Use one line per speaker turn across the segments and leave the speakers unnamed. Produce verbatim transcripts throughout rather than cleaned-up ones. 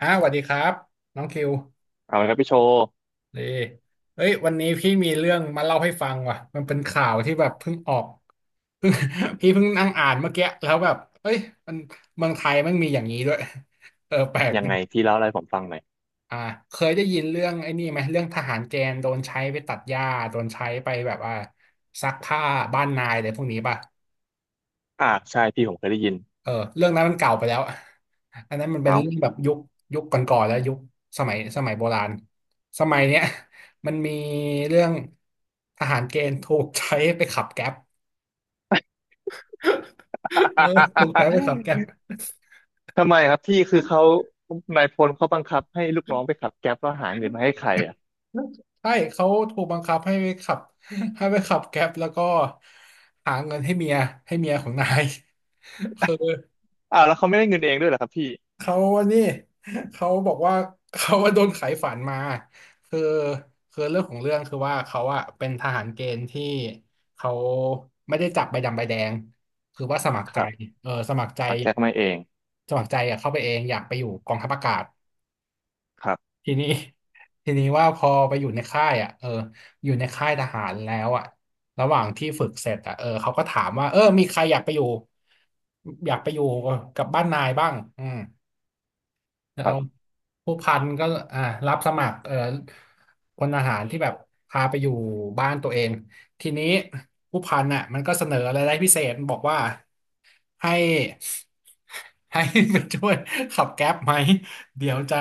อ้าวสวัสดีครับน้องคิว
เอาละครับพี่โชว์
นีเฮ้ยวันนี้พี่มีเรื่องมาเล่าให้ฟังว่ะมันเป็นข่าวที่แบบเพิ่งออก เพิ่ง พี่เพิ่งนั่งอ่านเมื่อกี้แล้วแบบเฮ้ยมันเมืองไทยมันมีอย่างนี้ด้วย เออแปลก
ยัง
ดิ
ไงพี่เล่าอะไรให้ผมฟังหน่อย
อ่าเคยได้ยินเรื่องไอ้นี่ไหมเรื่องทหารแกณฑ์โดนใช้ไปตัดหญ้าโดนใช้ไปแบบว่าซักผ้าบ้านนายอะไรพวกนี้ป่ะ
อ่าใช่พี่ผมเคยได้ยิน
เออเรื่องนั้นมันเก่าไปแล้วอันนั้นมันเป็
เอา
นเรื่องแบบยุคยุคก่อนๆแล้วยุคสมัยสมัยโบราณสมัยเนี้ย มันมีเรื่องทหารเกณฑ์ถูกใช้ไปขับแก๊ปเออถูกใช้ไปขับแก๊ป
ทำไมครับพี่คือเขานายพลเขาบังคับให้ลูกน้องไปขับแก๊ปแล้วหาเงินมาให้ใครอ่ะ
ใช่เขาถูกบังคับให้ไปขับ ให้ไปขับแก๊ปแล้วก็หาเงินให้เมียให้เมียของนาย คือ
อ้าวแล้วเขาไม่ได้เงินเองด้วยเหรอครับพี่
เขาอันนี้ เขาบอกว่า เขาว่าโดนขายฝันมาคือคือเรื่องของเรื่องคือว่าเขาอะเป็นทหารเกณฑ์ที่เขาไม่ได้จับใบดำใบแดงคือว่าสมัค
ค
รใจ
รับ
เออสมัครใจ
ปักแจ็คมาเอง
สมัครใจอะเข้าไปเองอยากไปอยู่กองทัพอากาศ
ครับ
ทีนี้ ทีนี้ว่าพอไปอยู่ในค่ายอ่ะเอออยู่ในค่ายทหารแล้วอ่ะระหว่างที่ฝึกเสร็จอ่ะเออเขาก็ถามว่าเออมีใครอยากไปอยู่อยากไปอยู่กับบ้านนายบ้างอืม
ค
เอา
รับ
ผู้พันก็อ่ารับสมัครเอ่อพลทหารที่แบบพาไปอยู่บ้านตัวเองทีนี้ผู้พันน่ะมันก็เสนออะไรายได้พิเศษบอกว่าให้ให้ไปช่วยขับแก๊ปไหมเดี๋ยวจะ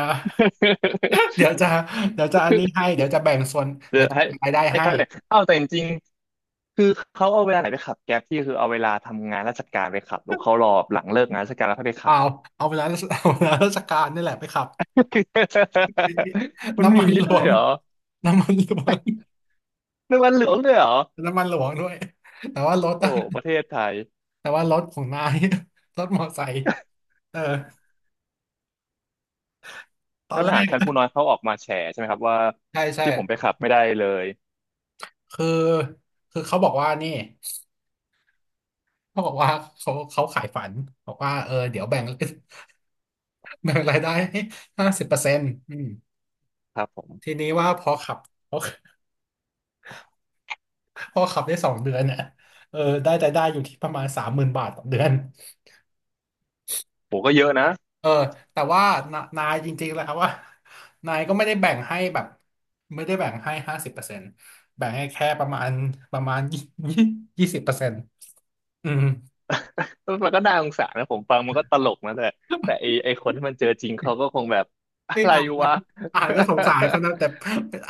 เดี๋ย วจะเดี๋ยวจะอันนี้ให้เดี๋ยวจะแบ่งส่วน
เดี๋
เดี๋
ย
ยว
ว
จะ
ให้
แบ่งรายได้
ให้
ให้
เขาเลยเอ้าแต่จริงๆคือเขาเอาเวลาไหนไปขับแก๊ปพี่คือเอาเวลาทำงานราชการไปขับหรือเขารอหลังเลิกงานราชการแล้วเขาไปขั
เอา
บ
เอาเวลาเอาเวลาราชการนี่แหละไปขับ
มันมี
น้ำ
อ
มัน
ย่าง
ห
นี้
ล
ด้ว
ว
ย
ง
เหรอ
น้ำมันหลวง
เรื่องวันเหลืองด้วยเหรอ
น้ำมันหลวงด้วยแต่ว่ารถ
โอ้
อะ
ประเทศไทย
แต่ว่ารถของนาย รถมอไซค์เออตอ
แล้
น
วท
แร
หารชั้น
ก
ผู้น้อยเขาออกมาแฉใช่ไหมครับว่า
ใช่ใช่
ที่ผมไปขับไม่ได้เลย
คือคือเขาบอกว่านี่เขาบอกว่าเขาเขาขายฝันบอกว่าเออเดี๋ยวแบ่ง แบ่งรายได้ให้ห้าสิบเปอร์เซ็นต์อืม
ครับผ
ที
ม
นี้ว่าพอขับพอพอขับได้สองเดือนเนี่ยเออได้รายได้อยู่ที่ประมาณสามหมื่นบาทต่อเดือน
ผมก็เยอะนะ
เออแต่ว่านานายจริงๆแล้วว่า นายก็ไม่ได้แบ่งให้แบบไม่ได้แบ่งให้ห้าสิบเปอร์เซ็นต์แบ่งให้แค่ประมาณประมาณยี่ยี่สิบเปอร์เซ็นต์ อืม
มันก็น่าสงสารนะผมฟังมันก็ตลกนะแต่แต่ไอไอคนที่มันเจอจริงเขาก็คงแบบ อะ
นี่
ไร
อ่าน
วะ
อ่านก็สงสารเขานะแต่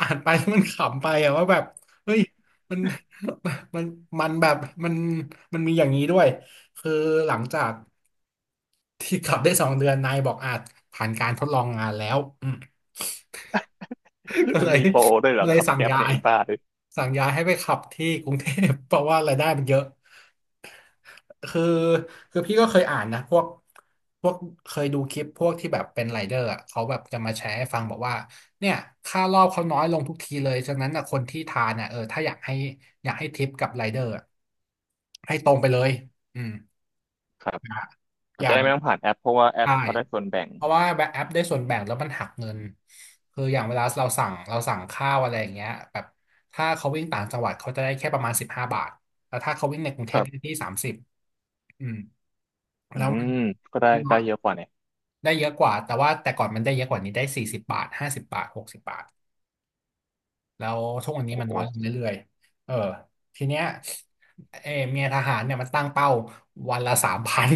อ่านไปมันขำไปอะว่าแบบเฮ้ยมันมันมันแบบมันมันมีอย่างนี้ด้วยคือหลังจากที่ขับได้สองเดือนนายบอกอาจผ่านการทดลองงานแล้วอืมก็เล ย
มีโปรด้วยเหรอ
เลย
ขับ
สั่ง
แก๊ป
ย้า
เนี่ย
ย
ไอ้บ้าด้วย
สั่งย้ายให้ไปขับที่กรุงเทพเพราะว่ารายได้มันเยอะ คือคือพี่ก็เคยอ่านนะพวกพวกเคยดูคลิปพวกที่แบบเป็นไรเดอร์อะเขาแบบจะมาแชร์ให้ฟังบอกว่าเนี่ยค่ารอบเขาน้อยลงทุกทีเลยฉะนั้นนะคนที่ทานอ่ะเออถ้าอยากให้อยากให้ทิปกับไรเดอร์อะให้ตรงไปเลยอืม
ครับ
อย่าอ
อาจ
ย่า
จะได้
แบ
ไม่
บ
ต้องผ่านแอปเพราะว่าแอป
ใช่
เขาได้ส่วนแบ่ง
เพราะว่าแบบแอปได้ส่วนแบ่งแล้วมันหักเงินคืออย่างเวลาเราสั่งเราสั่งข้าวอะไรอย่างเงี้ยแบบถ้าเขาวิ่งต่างจังหวัดเขาจะได้แค่ประมาณสิบห้าบาทแต่ถ้าเขาวิ่งในกรุงเท
ค
พ
รั
ได้
บ
ที่สามสิบ
อื
แล้วมัน
มก็ได้ได้เยอะกว่าเนี่ย
ได้เยอะกว่าแต่ว่าแต่ก่อนมันได้เยอะกว่านี้ได้สี่สิบบาทห้าสิบบาทหกสิบบาทแล้วทุกวันนี้
โอ้
มัน
โห
น้อยลงเรื่อยๆเออทีเนี้ยเออเมียทหารเนี่ยมันตั้งเป้าวันละสามพัน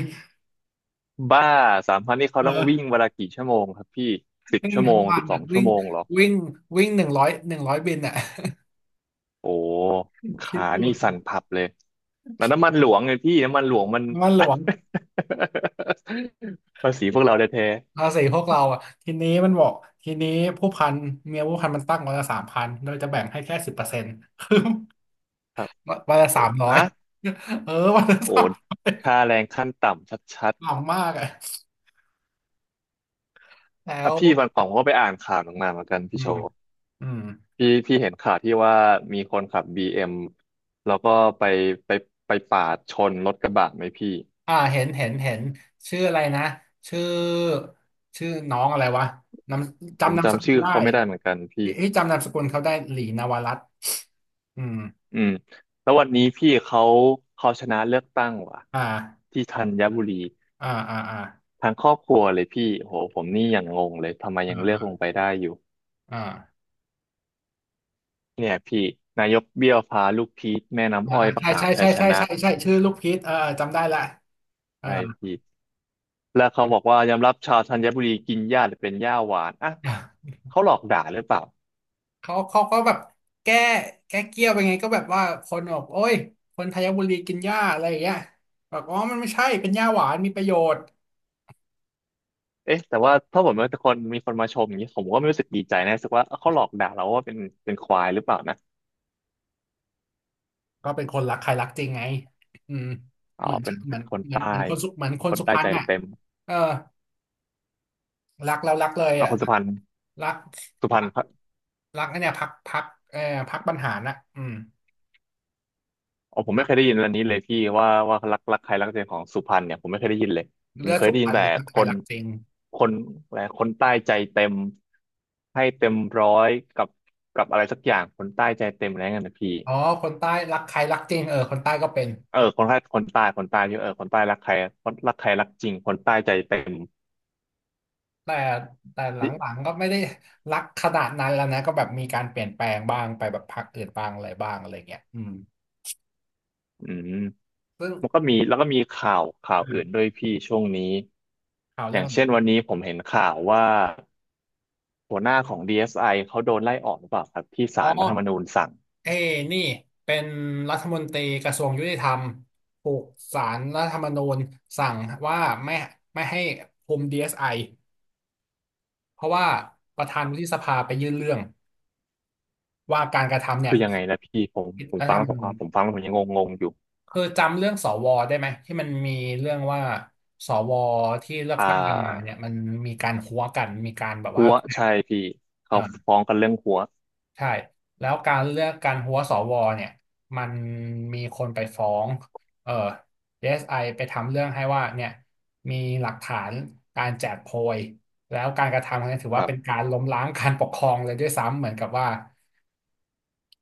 บ้าสามพันนี่เขาต้องวิ่ง
เออ
เวลากี่ชั่วโมงครับพี่สิบ
วิ่ง
ชั่วโม
ทั้ง
ง
วั
สิ
น
บสอ
อ่ะ
งชั่
วิ่
ว
ง
โมงเหรอ
วิ่งวิ่งหนึ่งร้อยหนึ่งร้อยบินอ่ะ
โอ้
คิ
ขา
ดดู
นี่สั่นพับเลยแล้วน้ำมันหลวงไงพี่น้ำมันหลวงมัน
มันหลวง
ภาษีพวกเราแท้
ภาษีพวกเราอ่ะทีนี้มันบอกทีนี้ผู้พันเมียผู้พันมันตั้งวันละสามพันโดยจะแบ่งให้แค่สิบเปอร์เซ็นต์ คือ
ๆครับ
วันละ
โอ้
สามร้อย
ฮะ
เออวันละ
โอ้ค่าแรงขั้นต่ำชัด
หล่ำมากอ่ะแล้
ๆอ่ะ
ว
พี่วันก่อนผมก็ไปอ่านข่าวหนึ่งมาเหมือนกันพี่
อื
โช
ม
ว์
อืม
พี่พี่เห็นข่าวที่ว่ามีคนขับบีเอ็มแล้วก็ไปไปไปปาดชนรถกระบะไหมพี่
อ่าเห็นเห็นเห็นชื่ออะไรนะชื่อชื่อน้องอะไรวะนาม
ผม
จำนามส
จำ
กุ
ชื่
ล
อ
ได้
เขาไม่ได้เหมือนกันพี่
ที่ที่จำนามสกุลเขาได้หลีนวรัตน์อืม
อืมแล้ววันนี้พี่เขาเขาชนะเลือกตั้งว่ะ
อ่า
ที่ธัญบุรี
อ่าอ่าอ่า
ทางครอบครัวเลยพี่โหผมนี่ยังงงเลยทำไม
อ
ยังเลือกลง
่า
ไปได้อยู่
อ่า
เนี่ยพี่นายกเบี้ยวพาลูกพีชแม่
อ่า
น้ำอ้อย
อ่า
ประ
อ่า
กา
ใช่
ศชั
ใช่
ยช
ใช่
นะ
ใช่ใช่ใช่ชื่อลูกพีชเออเออจำได้ละเอ
ไอ้พี่แล้วเขาบอกว่ายอมรับชาวธัญบุรีกินหญ้าหรือเป็นหญ้าหวานอ่ะ
อ
เขาหลอกด่าหรือเปล่า
เขาเขาก็แบบแก้แก้เกี้ยวไปไงก็แบบว่าคนบอกโอ้ยคนไทยบุรีกินหญ้าอะไรอย่างเงี้ยบอกอ๋อมันไม่ใช่เป็นหญ้าหวานมีประโยชน์
เอ๊ะแต่ว่าถ้าผมเป็นคนมีคนมาชมอย่างนี้ผมก็ไม่รู้สึกดีใจนะรู้สึกว่าเอ้าเขาหลอกด่าเราว่าเป็นเป็นควายหรือเปล่านะ
ก็เป็นคนรักใครรักจริงไงอืม
อ๋อ
เหมือน
เป็น
เหมื
เป็
อ
น
น
คน
เหมือน
ใต้
เหมือนคนสุเหมือนค
ค
น
น
สุพ
ใต้
รร
ใจ
ณอ่ะ
เต็ม
เออรักแล้วรักเลย
เอา
อ่ะ
คนสุพรรณ
รัก
สุพ
รั
รรณ
กรักไอ้เนี่ยพักพักเออพักบรรหารน่ะอืม
อ๋อผม
รั
ไม่
ก
เคยได้ยินอันนี้เลยพี่ว่าว่ารักรักใครรักเส้าของสุพรรณเนี่ยผมไม่เคยได้ยินเลยผ
เลื
ม
อด
เคย
สุ
ได้
พ
ยิน
รรณ
แต่
รัก
ค
ใคร
น
รักจริง
คนอะไรคนใต้ใจเต็มให้เต็มร้อยกับกับอะไรสักอย่างคนใต้ใจเต็มอะไรเงี้ยนะพี่
อ๋อคนใต้รักใครรักจริงเออคนใต้ก็เป็น
เออคนใต้คนใต้คนใต้เยี่เออคนใต้รักใครคนรักใครรักจริงคนใต้ใจเต็ม
แต่แต่หล
นี่
ังๆก็ไม่ได้รักขนาดนั้นแล้วนะก็แบบมีการเปลี่ยนแปลงบ้างไปแบบพรรคอื่นบ้างอะไรบ้างอะไรเงี้ยอืม
อืม
ซึ่ง
มันก็มีแล้วก็มีข่าวข่าว
อ่
อื่นด้
า
วยพี่ช่วงนี้
ข่าว
อ
เรื่
ย่า
อ
ง
ง
เช่นวันนี้ผมเห็นข่าวว่าหัวหน้าของ ดี เอส ไอ เอสไอเขาโดนไล่ออกหรือเปล่าครับที่
อ๋อ
ศาลรัฐธรรมนูญสั่ง
เอ้นี่เป็นรัฐมนตรีกระทรวงยุติธรรมถูกศาลรัฐธรรมนูญสั่งว่าไม่ไม่ให้คุม ดี เอส ไอ เอสไอเพราะว่าประธานวุฒิสภาไปยื่นเรื่องว่าการกระทำเนี่
คื
ย
อยังไงนะพี่ผม
ผิด
ผม
รัฐ
ฟั
ธ
ง
รร
แล้
ม
วผม
นูญ
อ่าผมฟังแล้วผมยังงงๆอยู่
คือจำเรื่องสวได้ไหมที่มันมีเรื่องว่าสวที่เลือก
อ่
ตั้งกันมา
า
เนี่ยมันมีการหัวกันมีการแบบว่า
หัวใช่พี่
เอ
เขา
อ
ฟ้องกันเรื่องหัว
ใช่แล้วการเลือกการหัวสวเนี่ยมันมีคนไปฟ้องเออ ดี เอส ไอ ไอไปทำเรื่องให้ว่าเนี่ยมีหลักฐานการแจกโพยแล้วการกระทำครั้งนี้ถือ
ค
ว่า
รับ
เป็นการล้มล้างการปกครองเลยด้วยซ้ำเหมือนกับว่า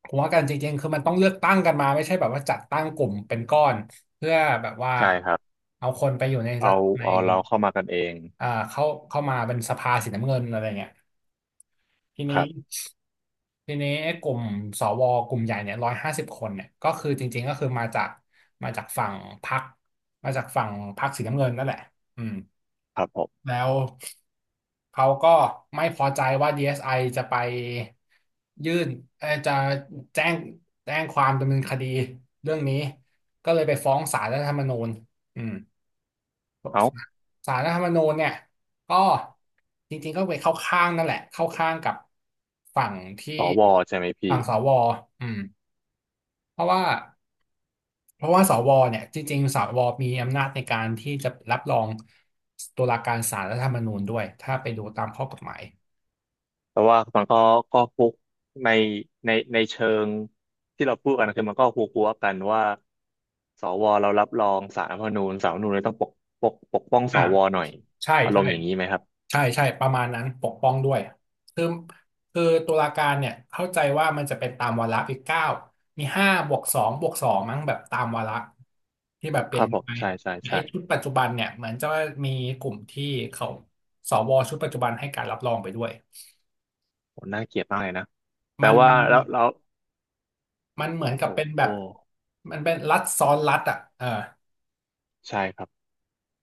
ผมว่ากันจริงๆคือมันต้องเลือกตั้งกันมาไม่ใช่แบบว่าจัดตั้งกลุ่มเป็นก้อนเพื่อแบบว่า
ใช่ครับ
เอาคนไปอยู่ในรั
เอา
ฐใน
เอาเราเข้ามากันเอง
อ่าเข้าเข้ามาเป็นสภาสีน้ำเงินอะไรเงี้ยที
ค
นี้
รับ
ทีนี้ไอ้กลุ่มสวกลุ่มใหญ่เนี่ยร้อยห้าสิบคนเนี่ยก็คือจริงๆก็คือมาจากมาจากฝั่งพรรคมาจากฝั่งพรรคสีน้ำเงินนั่นแหละอืม
ครับผม
แล้วเขาก็ไม่พอใจว่า ดี เอส ไอ จะไปยื่นเอ่อจะแจ้งแจ้งความดำเนินคดีเรื่องนี้ก็เลยไปฟ้องศาลรัฐธรรมนูญอืม
เอา
ศาลรัฐธรรมนูญเนี่ยก็จริงๆก็ไปเข้าข้างนั่นแหละเข้าข้างกับฝั่งที่
สวใช่ไหมพี่
ฝั่งสวอืมเพราะว่า เพราะว่าสวเนี่ยจริงๆสวมีอำนาจในการที่จะรับรองตุลาการศาลรัฐธรรมนูญด้วยถ้าไปดูตามข้อกฎหมาย
แต่ว่ามันก็ก็ฟุกในในในเชิงที่เราพูดกันคือมันก็หัวหัวกันว่าสวเรารับรองศาลรัฐธรรมนูญศาลรัฐธรรมนูญเลยต้องปกปกปกป้องส
อ่า
วหน่อย
ใช่
อาร
ใช่
มณ์อย่างนี้ไหมครับ
ใช่ใช่ประมาณนั้นปกป้องด้วยคือคือตุลาการเนี่ยเข้าใจว่ามันจะเป็นตามวาระอีกเก้ามีห้าบวกสองบวกสองมั้งแบบตามวาระที่แบบเป
ค
ลี่
รั
ยน
บผม
ไป
ใช่ใช่
ไอ้
ใช่
ชุดปัจจุบันเนี่ยเหมือนจะมีกลุ่มที่เขาสวชุดปัจจุบันให้การรับรองไปด้วย
โหน่าเกลียดมากเลยนะแต่
มัน
ว่าแล้วแล้ว
มันเหมือนกับ
โอ้
เป็นแบ
โห
บมันเป็นรัฐซ้อนรัฐอ่ะเออ
ใช่ครับ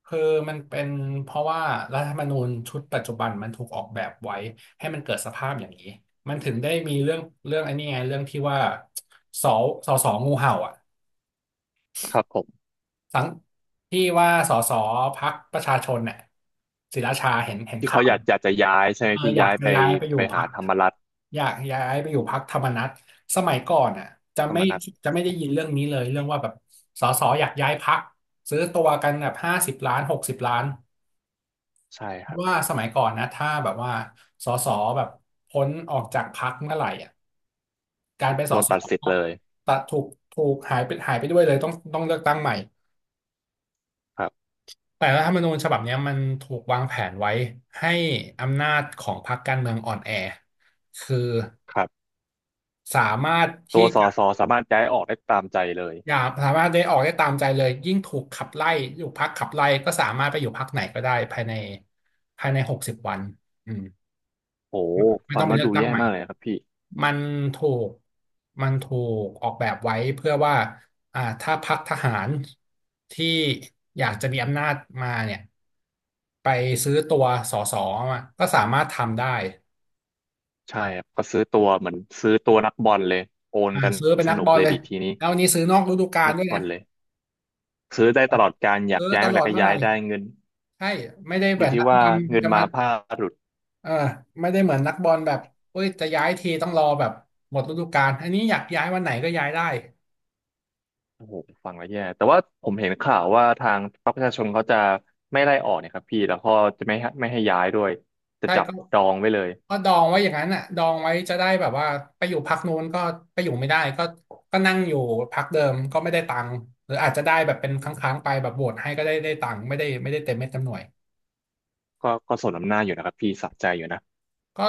คือมันเป็นเพราะว่ารัฐธรรมนูญชุดปัจจุบันมันถูกออกแบบไว้ให้มันเกิดสภาพอย่างนี้มันถึงได้มีเรื่องเรื่องไอ้นี่ไงเรื่องที่ว่าสอสอสองูเห่าอ่ะ
ครับผม
สังที่ว่าสอสอพรรคประชาชนเนี่ยศิราชาเห็นเห็น
ที่
ข่า
เขา
ว
อยากอยากจะย้ายใช่ไหม
เออ
พี่
อยา
ย้า
ก
ย
จะ
ไป
ย้ายไปอยู่
ไป
พร
หา
รค
ธรรมรัฐ
อยากย้ายไปอยู่พรรคธรรมนัสสมัยก่อนอ่ะจะ
ธรร
ไม่
มนัฐ
จะไม่ได้ยินเรื่องนี้เลยเรื่องว่าแบบสสอยากย้ายพรรคซื้อตัวกันแบบห้าสิบล้านหกสิบล้าน
ใช่
เพ
ครั
ราะ
บ
ว่าสมัยก่อนนะถ้าแบบว่าสสแบบพ้นออกจากพรรคเมื่อไหร่อ่ะการเป็นส
โดน
ส
ตัด
ก
สิทธิ์
็
เลย
ตัดถูกถูกหายไปหายไปด้วยเลยต้องต้องเลือกตั้งใหม่
ครับ
แต่รัฐธรรมนูญฉบับเนี้ยมันถูกวางแผนไว้ให้อำนาจของพรรคการเมืองอ่อนแอคือ
ครับ
สามารถ
ตั
ที่
วสอ
จะ
สอสามารถย้ายออกได้ตามใจเลย
อย่าสามารถได้ออกได้ตามใจเลยยิ่งถูกขับไล่อยู่พักขับไล่ก็สามารถไปอยู่พักไหนก็ได้ภายในภายในหกสิบวันอืม
โห
ไม่
ฟั
ต้อ
ง
งไป
แล้ว
เลือก
ดู
ตั้ง
แย่
ใหม่
มากเลยครับพี่
มันถูกมันถูกออกแบบไว้เพื่อว่าอ่าถ้าพรรคทหารที่อยากจะมีอำนาจมาเนี่ยไปซื้อตัวสสมาก็สามารถทำได้
ใช่ครับก็ซื้อตัวเหมือนซื้อตัวนักบอลเลยโอน
อ่า
กัน
ซื้อเป็น
ส
นัก
นุ
บ
ก
อล
เลย
เลย
ดีทีนี้
แล้ววันนี้ซื้อนอกฤดู
ซื้
กา
อ
ล
นัก
ด้วย
บ
นะ
อลเลยซื้อได้ตลอดการอยาก
ซื้อ
ย้าย
ต
เมื่อ
ล
ไห
อ
ร่
ด
ก็
เมื่อไห
ย้า
ร่
ยได้เงิน
ใช่ไม่ได้
อ
แบ
ยู่
บ
ที่
นัก
ว่า
ด
เงิ
ำ
น
จะมา
มาผ้าหลุด
เออไม่ได้เหมือนนักบอลแบบเอ้ยจะย้ายทีต้องรอแบบหมดฤดูกาลอันนี้อยากย้ายวันไหนก็ย้ายได้
โอ้โหฟังแล้วแย่แต่ว่าผมเห็นข่าวว่าทางพรรคประชาชนเขาจะไม่ไล่ออกเนี่ยครับพี่แล้วก็จะไม่ให้ไม่ให้ย้ายด้วยจะ
ใช่
จับ
ก็
ดองไว้เลย
ก็ดองไว้อย่างนั้นอ่ะดองไว้จะได้แบบว่าไปอยู่พักนู้นก็ไปอยู่ไม่ได้ก็ก็นั่งอยู่พักเดิมก็ไม่ได้ตังค์หรืออาจจะได้แบบเป็นครั้งๆไปแบบโหวตให้ก็ได้ได้ตังค์ไม่ได้ไม่ได้เต็มเม็ดเต็มหน่วย
ก็ก็สมน้ำหน้าอยู่นะครับพี่สะใจอยู่นะ
ก็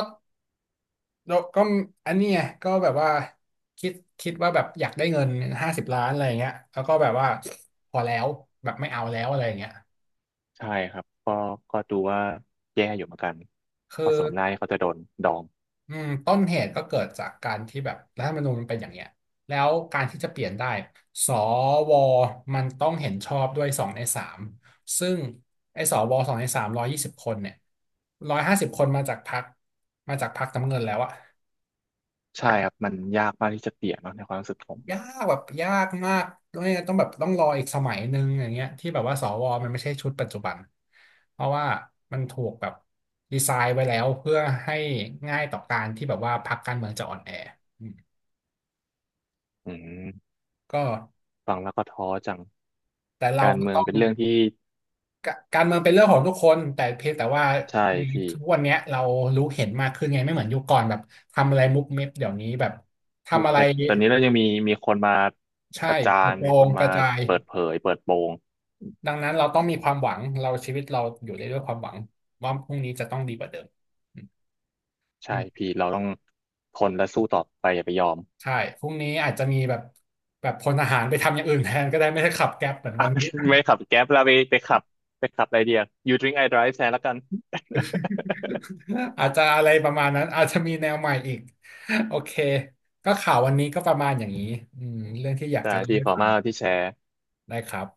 ก็อันนี้ไงก็แบบว่าคิดคิดว่าแบบอยากได้เงินห้าสิบล้านอะไรอย่างเงี้ยแล้วก็แบบว่าพอแล้วแบบไม่เอาแล้วอะไรอย่างเงี้ย
ใช่ครับก็ก็ดูว่าแย่อยู่เหมือนกัน
คือ
ก็สมน้ำหน้าที่เขาจะโดนดอง
อืมต้นเหตุก็เกิดจากการที่แบบรัฐธรรมนูญมันเป็นอย่างเงี้ยแล้วการที่จะเปลี่ยนได้สวมันต้องเห็นชอบด้วยสองในสามซึ่งไอ้สวสองในสามร้อยยี่สิบคนเนี่ยร้อยห้าสิบคนมาจากพรรคมาจากพรรคน้ำเงินแล้วอะ
ใช่ครับมันยากมากที่จะเปลี่ยนเนอะในความรู้สึกผม
ยากแบบยากมากด้วยต้องแบบต้องรออีกสมัยหนึ่งอย่างเงี้ยที่แบบว่าสวมันไม่ใช่ชุดปัจจุบันเพราะว่ามันถูกแบบดีไซน์ไว้แล้วเพื่อให้ง่ายต่อการที่แบบว่าพรรคการเมืองจะอ่อนแออืม
อืม
ก็
ฟังแล้วก็ท้อจัง
แต่เรา
การ
ก็
เมือง
ต้อง
เป็นเรื่องที่
กการเมืองเป็นเรื่องของทุกคนแต่เพียงแต่ว่า
ใช่
ใน
พี่
ทุกวันเนี้ยเรารู้เห็นมากขึ้นไงไม่เหมือนยุคก่อนแบบทำอะไรมุบมิบเดี๋ยวนี้แบบ
มุ
ทำ
ก
อะไร
เม็ดตอนนี้เรายังมีมีคนมา
ใช่
ประจา
เปร่
นมีค
ง
น
ก
มา
ระจาย
เปิดเผยเปิดโปง
ดังนั้นเราต้องมีความหวังเราชีวิตเราอยู่ได้ด้วยความหวังว่าพรุ่งนี้จะต้องดีกว่าเดิมอื
ใช่
ม
พี่เราต้องทนและสู้ต่อไปอย่าไปยอม
ใช่พรุ่งนี้อาจจะมีแบบแบบพลทหารไปทำอย่างอื่นแทนก็ได้ไม่ใช่ขับแก๊ปเหมือน
อ่ะ
วันนี้
ไม่ขับแก๊ปแล้วไปไปขับไปขับอะไรเดียว You drink I drive แทนแล้วกัน
อาจจะอะไรประมาณนั้นอาจจะมีแนวใหม่อีกโอเคก็ข่าววันนี้ก็ประมาณอย่างนี้อืมเรื่องที่อยาก
ได้
จะเล่า
พี่
ให้
ขอบคุ
ฟั
ณ
ง
มากที่แชร์
ได้ครับ